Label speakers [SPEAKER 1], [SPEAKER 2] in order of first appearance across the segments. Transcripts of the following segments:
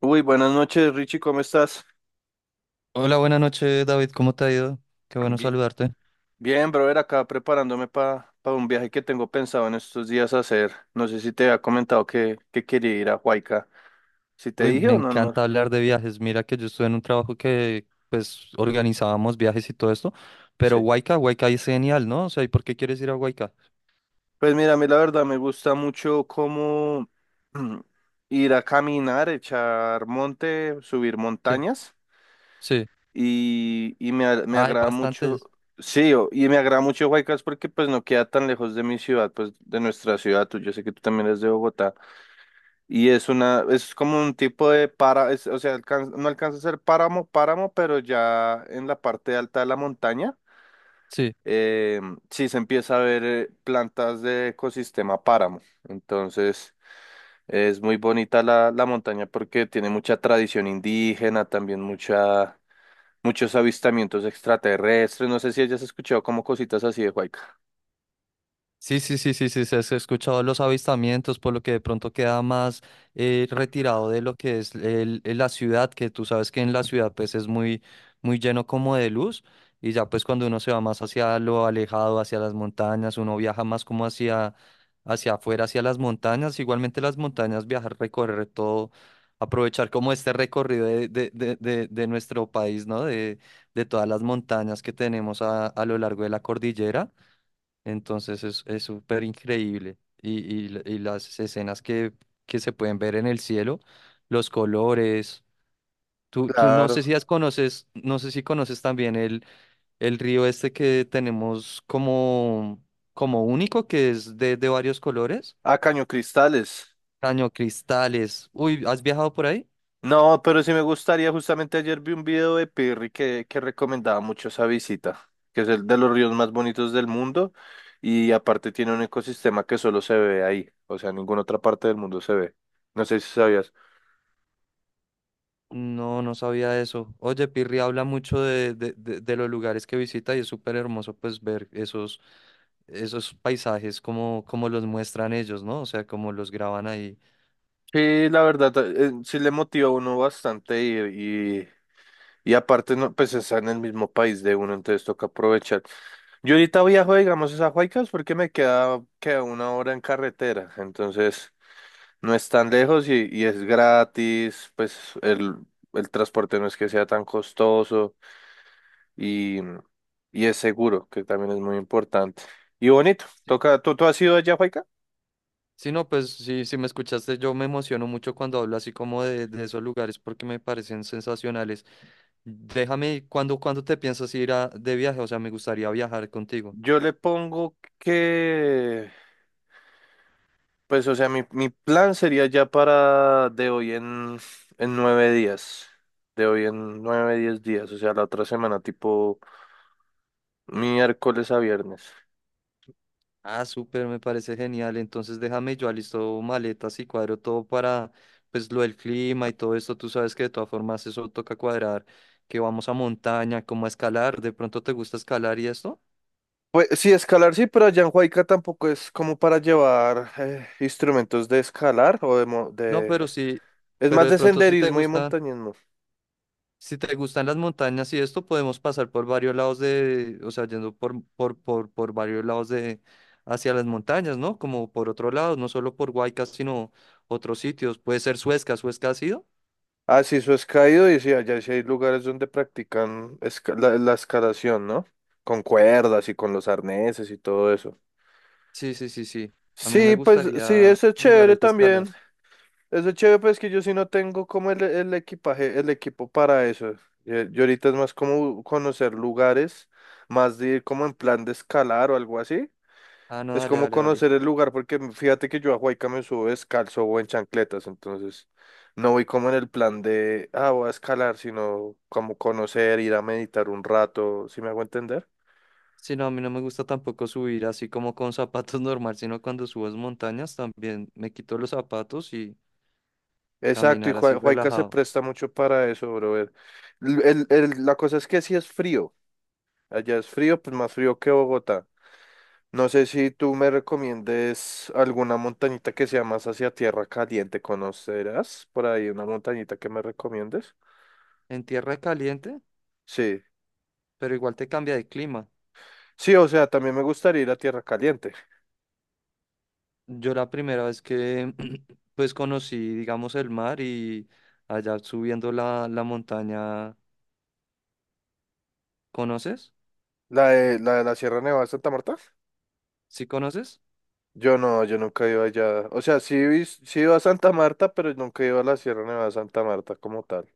[SPEAKER 1] Uy, buenas noches, Richie, ¿cómo estás?
[SPEAKER 2] Hola, buenas noches, David. ¿Cómo te ha ido? Qué bueno
[SPEAKER 1] Bi-
[SPEAKER 2] saludarte.
[SPEAKER 1] Bien, brother, acá preparándome para un viaje que tengo pensado en estos días hacer. No sé si te había comentado que quería ir a Huayca. ¿Si te
[SPEAKER 2] Uy,
[SPEAKER 1] dije
[SPEAKER 2] me
[SPEAKER 1] o no? No,
[SPEAKER 2] encanta hablar de viajes. Mira que yo estuve en un trabajo pues, organizábamos viajes y todo esto. Pero
[SPEAKER 1] sí.
[SPEAKER 2] Huayca, Huayca es genial, ¿no? O sea, ¿y por qué quieres ir a Huayca?
[SPEAKER 1] Pues mira, a mí la verdad me gusta mucho como mm, ir a caminar, echar monte, subir
[SPEAKER 2] Sí,
[SPEAKER 1] montañas
[SPEAKER 2] sí.
[SPEAKER 1] y me
[SPEAKER 2] Hay
[SPEAKER 1] agrada mucho,
[SPEAKER 2] bastantes.
[SPEAKER 1] y me agrada mucho Huaycas porque pues no queda tan lejos de mi ciudad, pues de nuestra ciudad. Tú, yo sé que tú también eres de Bogotá. Y es una, es como un tipo de para, o sea, alcan no alcanza a ser páramo, páramo, pero ya en la parte alta de la montaña,
[SPEAKER 2] Sí.
[SPEAKER 1] eh, sí se empieza a ver plantas de ecosistema páramo. Entonces, es muy bonita la montaña porque tiene mucha tradición indígena, también mucha, muchos avistamientos extraterrestres. No sé si hayas escuchado como cositas así de Huayca.
[SPEAKER 2] Sí, sí, sí, sí, sí, se ha escuchado los avistamientos, por lo que de pronto queda más retirado de lo que es el la ciudad, que tú sabes que en la ciudad pues es muy, muy lleno como de luz, y ya pues cuando uno se va más hacia lo alejado, hacia las montañas, uno viaja más como hacia, hacia afuera, hacia las montañas, igualmente las montañas, viajar, recorrer todo, aprovechar como este recorrido de nuestro país, ¿no? De todas las montañas que tenemos a lo largo de la cordillera. Entonces es súper increíble. Y, y las escenas que se pueden ver en el cielo, los colores. Tú no
[SPEAKER 1] Claro.
[SPEAKER 2] sé si has conoces, no sé si conoces también el río este que tenemos como, como único, que es de varios colores.
[SPEAKER 1] Ah, Caño Cristales.
[SPEAKER 2] Cañocristales. Uy, ¿has viajado por ahí?
[SPEAKER 1] No, pero sí me gustaría, justamente ayer vi un video de Pirri que recomendaba mucho esa visita, que es el de los ríos más bonitos del mundo y aparte tiene un ecosistema que solo se ve ahí, o sea, en ninguna otra parte del mundo se ve. No sé si sabías.
[SPEAKER 2] No, no sabía eso. Oye, Pirri habla mucho de los lugares que visita y es súper hermoso pues ver esos, esos paisajes como, como los muestran ellos, ¿no? O sea, como los graban ahí.
[SPEAKER 1] Sí, la verdad, sí le motiva a uno bastante ir y aparte, no, pues está en el mismo país de uno, entonces toca aprovechar. Yo ahorita viajo, digamos, es a Huaycas porque queda una hora en carretera, entonces... No es tan lejos y es gratis, el transporte no es que sea tan costoso y, y es seguro, que también es muy importante. Y bonito,
[SPEAKER 2] Sí,
[SPEAKER 1] toca, ¿tú has ido allá, Juaica?
[SPEAKER 2] sí, no, pues sí, si me escuchaste, yo me emociono mucho cuando hablo así como de esos lugares porque me parecen sensacionales. Déjame, ¿ cuando te piensas ir a, de viaje? O sea, me gustaría viajar contigo.
[SPEAKER 1] Yo le pongo que, pues o sea, mi plan sería ya para de hoy en 9 días, de hoy en 9, 10 días, o sea, la otra semana, tipo miércoles a viernes.
[SPEAKER 2] Ah, súper, me parece genial. Entonces déjame, yo alisto maletas y cuadro todo para, pues, lo del clima y todo esto. Tú sabes que de todas formas eso toca cuadrar, que vamos a montaña, como a escalar. ¿De pronto te gusta escalar y esto?
[SPEAKER 1] Pues sí, escalar sí, pero allá en Huayca tampoco es como para llevar instrumentos de escalar o de, mo-
[SPEAKER 2] No,
[SPEAKER 1] de...
[SPEAKER 2] pero sí,
[SPEAKER 1] Es
[SPEAKER 2] pero
[SPEAKER 1] más
[SPEAKER 2] de
[SPEAKER 1] de
[SPEAKER 2] pronto si te
[SPEAKER 1] senderismo y
[SPEAKER 2] gustan,
[SPEAKER 1] montañismo.
[SPEAKER 2] si te gustan las montañas y esto, podemos pasar por varios lados de, o sea, yendo por varios lados de, hacia las montañas, ¿no? Como por otro lado, no solo por Huaycas, sino otros sitios. Puede ser Suezca, ¿Suezca ha sido?
[SPEAKER 1] Ah, sí, eso es caído y sí, allá sí hay lugares donde practican la escalación, ¿no? Con cuerdas y con los arneses y todo eso.
[SPEAKER 2] Sí, sí, sí, sí. A mí me
[SPEAKER 1] Sí, pues sí,
[SPEAKER 2] gustaría
[SPEAKER 1] eso es chévere
[SPEAKER 2] lugares de escala.
[SPEAKER 1] también. Eso es chévere, pues que yo sí no tengo como el equipaje, el equipo para eso. Yo ahorita es más como conocer lugares, más de ir como en plan de escalar o algo así.
[SPEAKER 2] Ah, no,
[SPEAKER 1] Es
[SPEAKER 2] dale,
[SPEAKER 1] como
[SPEAKER 2] dale, dale.
[SPEAKER 1] conocer el lugar, porque fíjate que yo a Huayca me subo descalzo o en chancletas, entonces no voy como en el plan de, ah, voy a escalar, sino como conocer, ir a meditar un rato, ¿sí me hago entender?
[SPEAKER 2] Sí, no, a mí no me gusta tampoco subir así como con zapatos normal, sino cuando subes montañas también me quito los zapatos y
[SPEAKER 1] Exacto, y
[SPEAKER 2] caminar así
[SPEAKER 1] Huayca se
[SPEAKER 2] relajado.
[SPEAKER 1] presta mucho para eso, brother. La cosa es que si es frío, allá es frío, pues más frío que Bogotá. No sé si tú me recomiendes alguna montañita que sea más hacia tierra caliente, ¿conocerás por ahí una montañita que me recomiendes?
[SPEAKER 2] En tierra caliente,
[SPEAKER 1] Sí.
[SPEAKER 2] pero igual te cambia de clima.
[SPEAKER 1] Sí, o sea, también me gustaría ir a Tierra Caliente.
[SPEAKER 2] Yo la primera vez que pues conocí, digamos, el mar y allá subiendo la montaña, ¿conoces?
[SPEAKER 1] La de la, de la Sierra Nevada de Santa Marta.
[SPEAKER 2] ¿Sí conoces?
[SPEAKER 1] Yo no, yo nunca he ido allá. O sea, sí, sí he ido a Santa Marta, pero nunca he ido a la Sierra Nevada de Santa Marta como tal.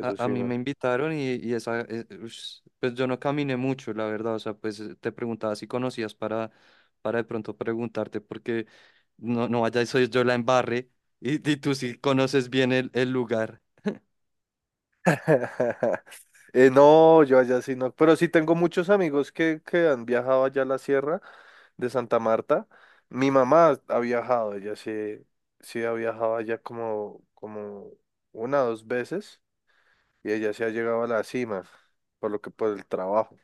[SPEAKER 2] A
[SPEAKER 1] sí,
[SPEAKER 2] mí me
[SPEAKER 1] no.
[SPEAKER 2] invitaron y esa, ush, pues yo no caminé mucho, la verdad, o sea, pues te preguntaba si conocías para de pronto preguntarte, porque no, no vaya, y soy yo la embarre y tú sí conoces bien el lugar.
[SPEAKER 1] No, yo allá sí no. Pero sí tengo muchos amigos que han viajado allá a la Sierra de Santa Marta. Mi mamá ha viajado, ella sí, sí ha viajado allá como, como una o dos veces y ella sí ha llegado a la cima, por lo que por el trabajo.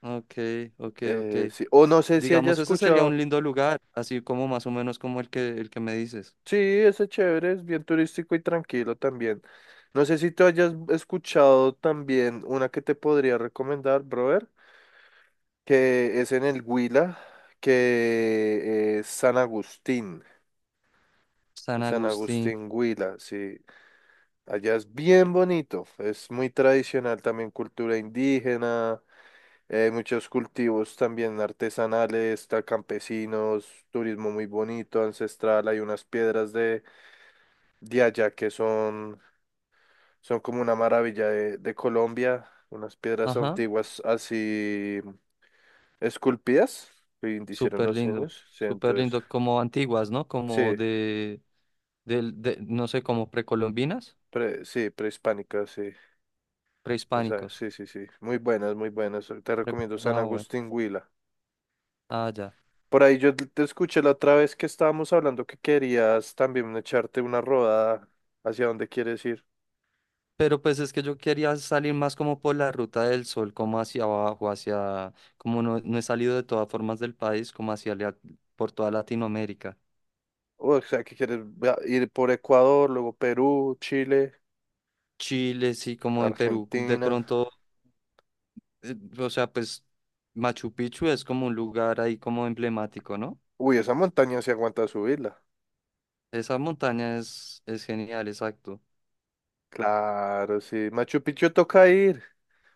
[SPEAKER 2] Ok, ok, ok.
[SPEAKER 1] Sí. O no sé si haya
[SPEAKER 2] Digamos, ese sería
[SPEAKER 1] escuchado.
[SPEAKER 2] un lindo lugar, así como más o menos como el que me dices.
[SPEAKER 1] Sí, ese chévere, es bien turístico y tranquilo también. No sé si tú hayas escuchado también una que te podría recomendar, brother, que es en el Huila, que es San Agustín.
[SPEAKER 2] San
[SPEAKER 1] San
[SPEAKER 2] Agustín.
[SPEAKER 1] Agustín Huila, sí. Allá es bien bonito, es muy tradicional también cultura indígena, muchos cultivos también artesanales, está campesinos, turismo muy bonito, ancestral, hay unas piedras de allá, que son, son como una maravilla de Colombia, unas piedras
[SPEAKER 2] Ajá,
[SPEAKER 1] antiguas así esculpidas, que hicieron
[SPEAKER 2] súper
[SPEAKER 1] los
[SPEAKER 2] lindo,
[SPEAKER 1] años, sí,
[SPEAKER 2] súper
[SPEAKER 1] entonces,
[SPEAKER 2] lindo, como antiguas, ¿no? Como
[SPEAKER 1] sí,
[SPEAKER 2] de, del de, no sé, como precolombinas,
[SPEAKER 1] sí, prehispánicas, sí, esa,
[SPEAKER 2] prehispánicos.
[SPEAKER 1] sí, sí, sí, muy buenas, te
[SPEAKER 2] Pre-
[SPEAKER 1] recomiendo San
[SPEAKER 2] ah, bueno,
[SPEAKER 1] Agustín Huila.
[SPEAKER 2] ah, ya.
[SPEAKER 1] Por ahí yo te escuché la otra vez que estábamos hablando que querías también echarte una rodada hacia dónde quieres ir.
[SPEAKER 2] Pero pues es que yo quería salir más como por la ruta del sol, como hacia abajo, hacia, como no, no he salido de todas formas del país, como hacia por toda Latinoamérica.
[SPEAKER 1] O sea, que quieres ir por Ecuador, luego Perú, Chile,
[SPEAKER 2] Chile, sí, como en Perú, de
[SPEAKER 1] Argentina.
[SPEAKER 2] pronto o sea, pues Machu Picchu es como un lugar ahí como emblemático, ¿no?
[SPEAKER 1] Uy, esa montaña se aguanta subirla.
[SPEAKER 2] Esa montaña es genial, exacto.
[SPEAKER 1] Claro, sí. Machu Picchu toca ir.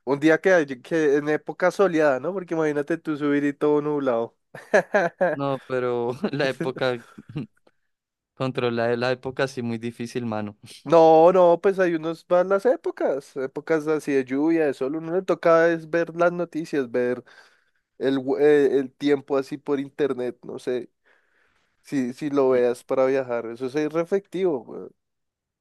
[SPEAKER 1] Un día que en época soleada, ¿no? Porque imagínate tú subir y todo nublado.
[SPEAKER 2] No, pero la época, controlar la época sí muy difícil, mano.
[SPEAKER 1] No, no, pues hay unos van las épocas, épocas así de lluvia, de sol, uno le toca es ver las noticias, ver el tiempo así por internet, no sé, si lo
[SPEAKER 2] Eh,
[SPEAKER 1] veas para viajar, eso es re efectivo.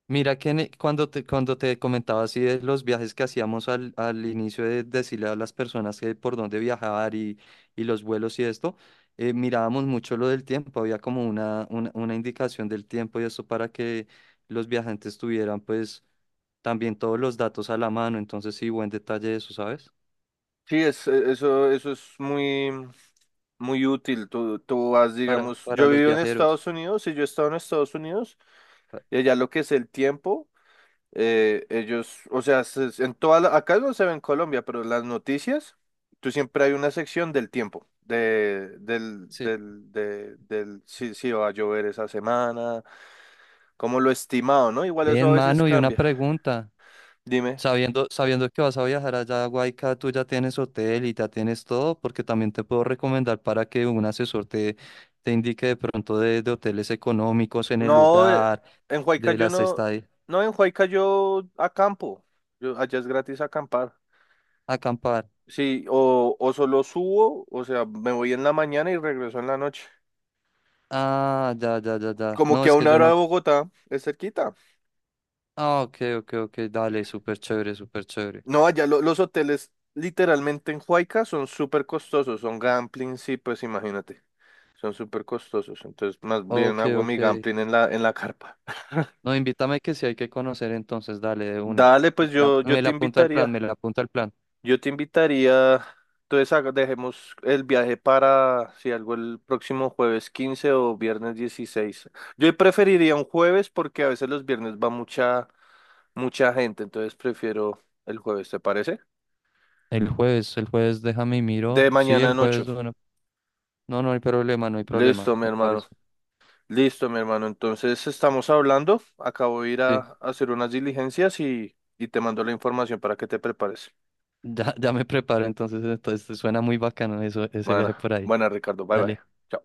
[SPEAKER 2] Mira que en cuando te comentaba así de los viajes que hacíamos al, al inicio de decirle a las personas que por dónde viajar y los vuelos y esto, mirábamos mucho lo del tiempo, había como una indicación del tiempo y esto para que los viajantes tuvieran pues también todos los datos a la mano, entonces sí, buen detalle eso, ¿sabes?
[SPEAKER 1] Sí, eso es muy, muy útil. Tú vas, digamos,
[SPEAKER 2] Para
[SPEAKER 1] yo
[SPEAKER 2] los
[SPEAKER 1] vivo en
[SPEAKER 2] viajeros.
[SPEAKER 1] Estados Unidos y yo he estado en Estados Unidos
[SPEAKER 2] Pa-
[SPEAKER 1] y allá lo que es el tiempo, ellos, o sea, en toda acá no se ve en Colombia, pero en las noticias, tú siempre hay una sección del tiempo, de, del,
[SPEAKER 2] sí.
[SPEAKER 1] del, de- del, si va a llover esa semana, como lo estimado, ¿no? Igual eso
[SPEAKER 2] Bien,
[SPEAKER 1] a veces
[SPEAKER 2] mano, y una
[SPEAKER 1] cambia.
[SPEAKER 2] pregunta.
[SPEAKER 1] Dime.
[SPEAKER 2] Sabiendo, sabiendo que vas a viajar allá a Guayca, tú ya tienes hotel y ya tienes todo, porque también te puedo recomendar para que un asesor te, te indique de pronto de hoteles económicos en el
[SPEAKER 1] No,
[SPEAKER 2] lugar,
[SPEAKER 1] en
[SPEAKER 2] de
[SPEAKER 1] Huaycayo
[SPEAKER 2] las
[SPEAKER 1] no,
[SPEAKER 2] estadías,
[SPEAKER 1] no, en Huaycayo acampo. Yo, allá es gratis acampar.
[SPEAKER 2] acampar.
[SPEAKER 1] Sí, o solo subo, o sea, me voy en la mañana y regreso en la noche.
[SPEAKER 2] Ah, ya, ya, ya, ya.
[SPEAKER 1] Como
[SPEAKER 2] No,
[SPEAKER 1] que a
[SPEAKER 2] es que
[SPEAKER 1] una
[SPEAKER 2] yo
[SPEAKER 1] hora de
[SPEAKER 2] no.
[SPEAKER 1] Bogotá es cerquita.
[SPEAKER 2] Ah, ok, ok, ok, dale, súper chévere, súper chévere.
[SPEAKER 1] No, allá los hoteles literalmente en Huayca son súper costosos, son gambling, sí, pues imagínate, son súper costosos. Entonces, más bien
[SPEAKER 2] Ok,
[SPEAKER 1] hago mi
[SPEAKER 2] ok.
[SPEAKER 1] gambling en la carpa.
[SPEAKER 2] No, invítame que si hay que conocer entonces, dale de una.
[SPEAKER 1] Dale, pues yo
[SPEAKER 2] Me
[SPEAKER 1] te
[SPEAKER 2] la apunta el plan,
[SPEAKER 1] invitaría.
[SPEAKER 2] me la apunta el plan.
[SPEAKER 1] Yo te invitaría, entonces dejemos el viaje para, si algo, el próximo jueves 15 o viernes 16. Yo preferiría un jueves porque a veces los viernes va mucha, mucha gente, entonces prefiero el jueves, ¿te parece?
[SPEAKER 2] El jueves déjame y miro.
[SPEAKER 1] De
[SPEAKER 2] Sí,
[SPEAKER 1] mañana
[SPEAKER 2] el
[SPEAKER 1] en 8.
[SPEAKER 2] jueves, bueno. No, no hay problema, no hay problema,
[SPEAKER 1] Listo, mi
[SPEAKER 2] me
[SPEAKER 1] hermano.
[SPEAKER 2] parece.
[SPEAKER 1] Listo, mi hermano. Entonces estamos hablando. Acabo de ir
[SPEAKER 2] Sí,
[SPEAKER 1] a hacer unas diligencias y te mando la información para que te prepares.
[SPEAKER 2] ya, ya me preparo entonces, entonces suena muy bacano eso, ese viaje
[SPEAKER 1] Buena,
[SPEAKER 2] por ahí.
[SPEAKER 1] buena, Ricardo. Bye, bye.
[SPEAKER 2] Dale.
[SPEAKER 1] Chao.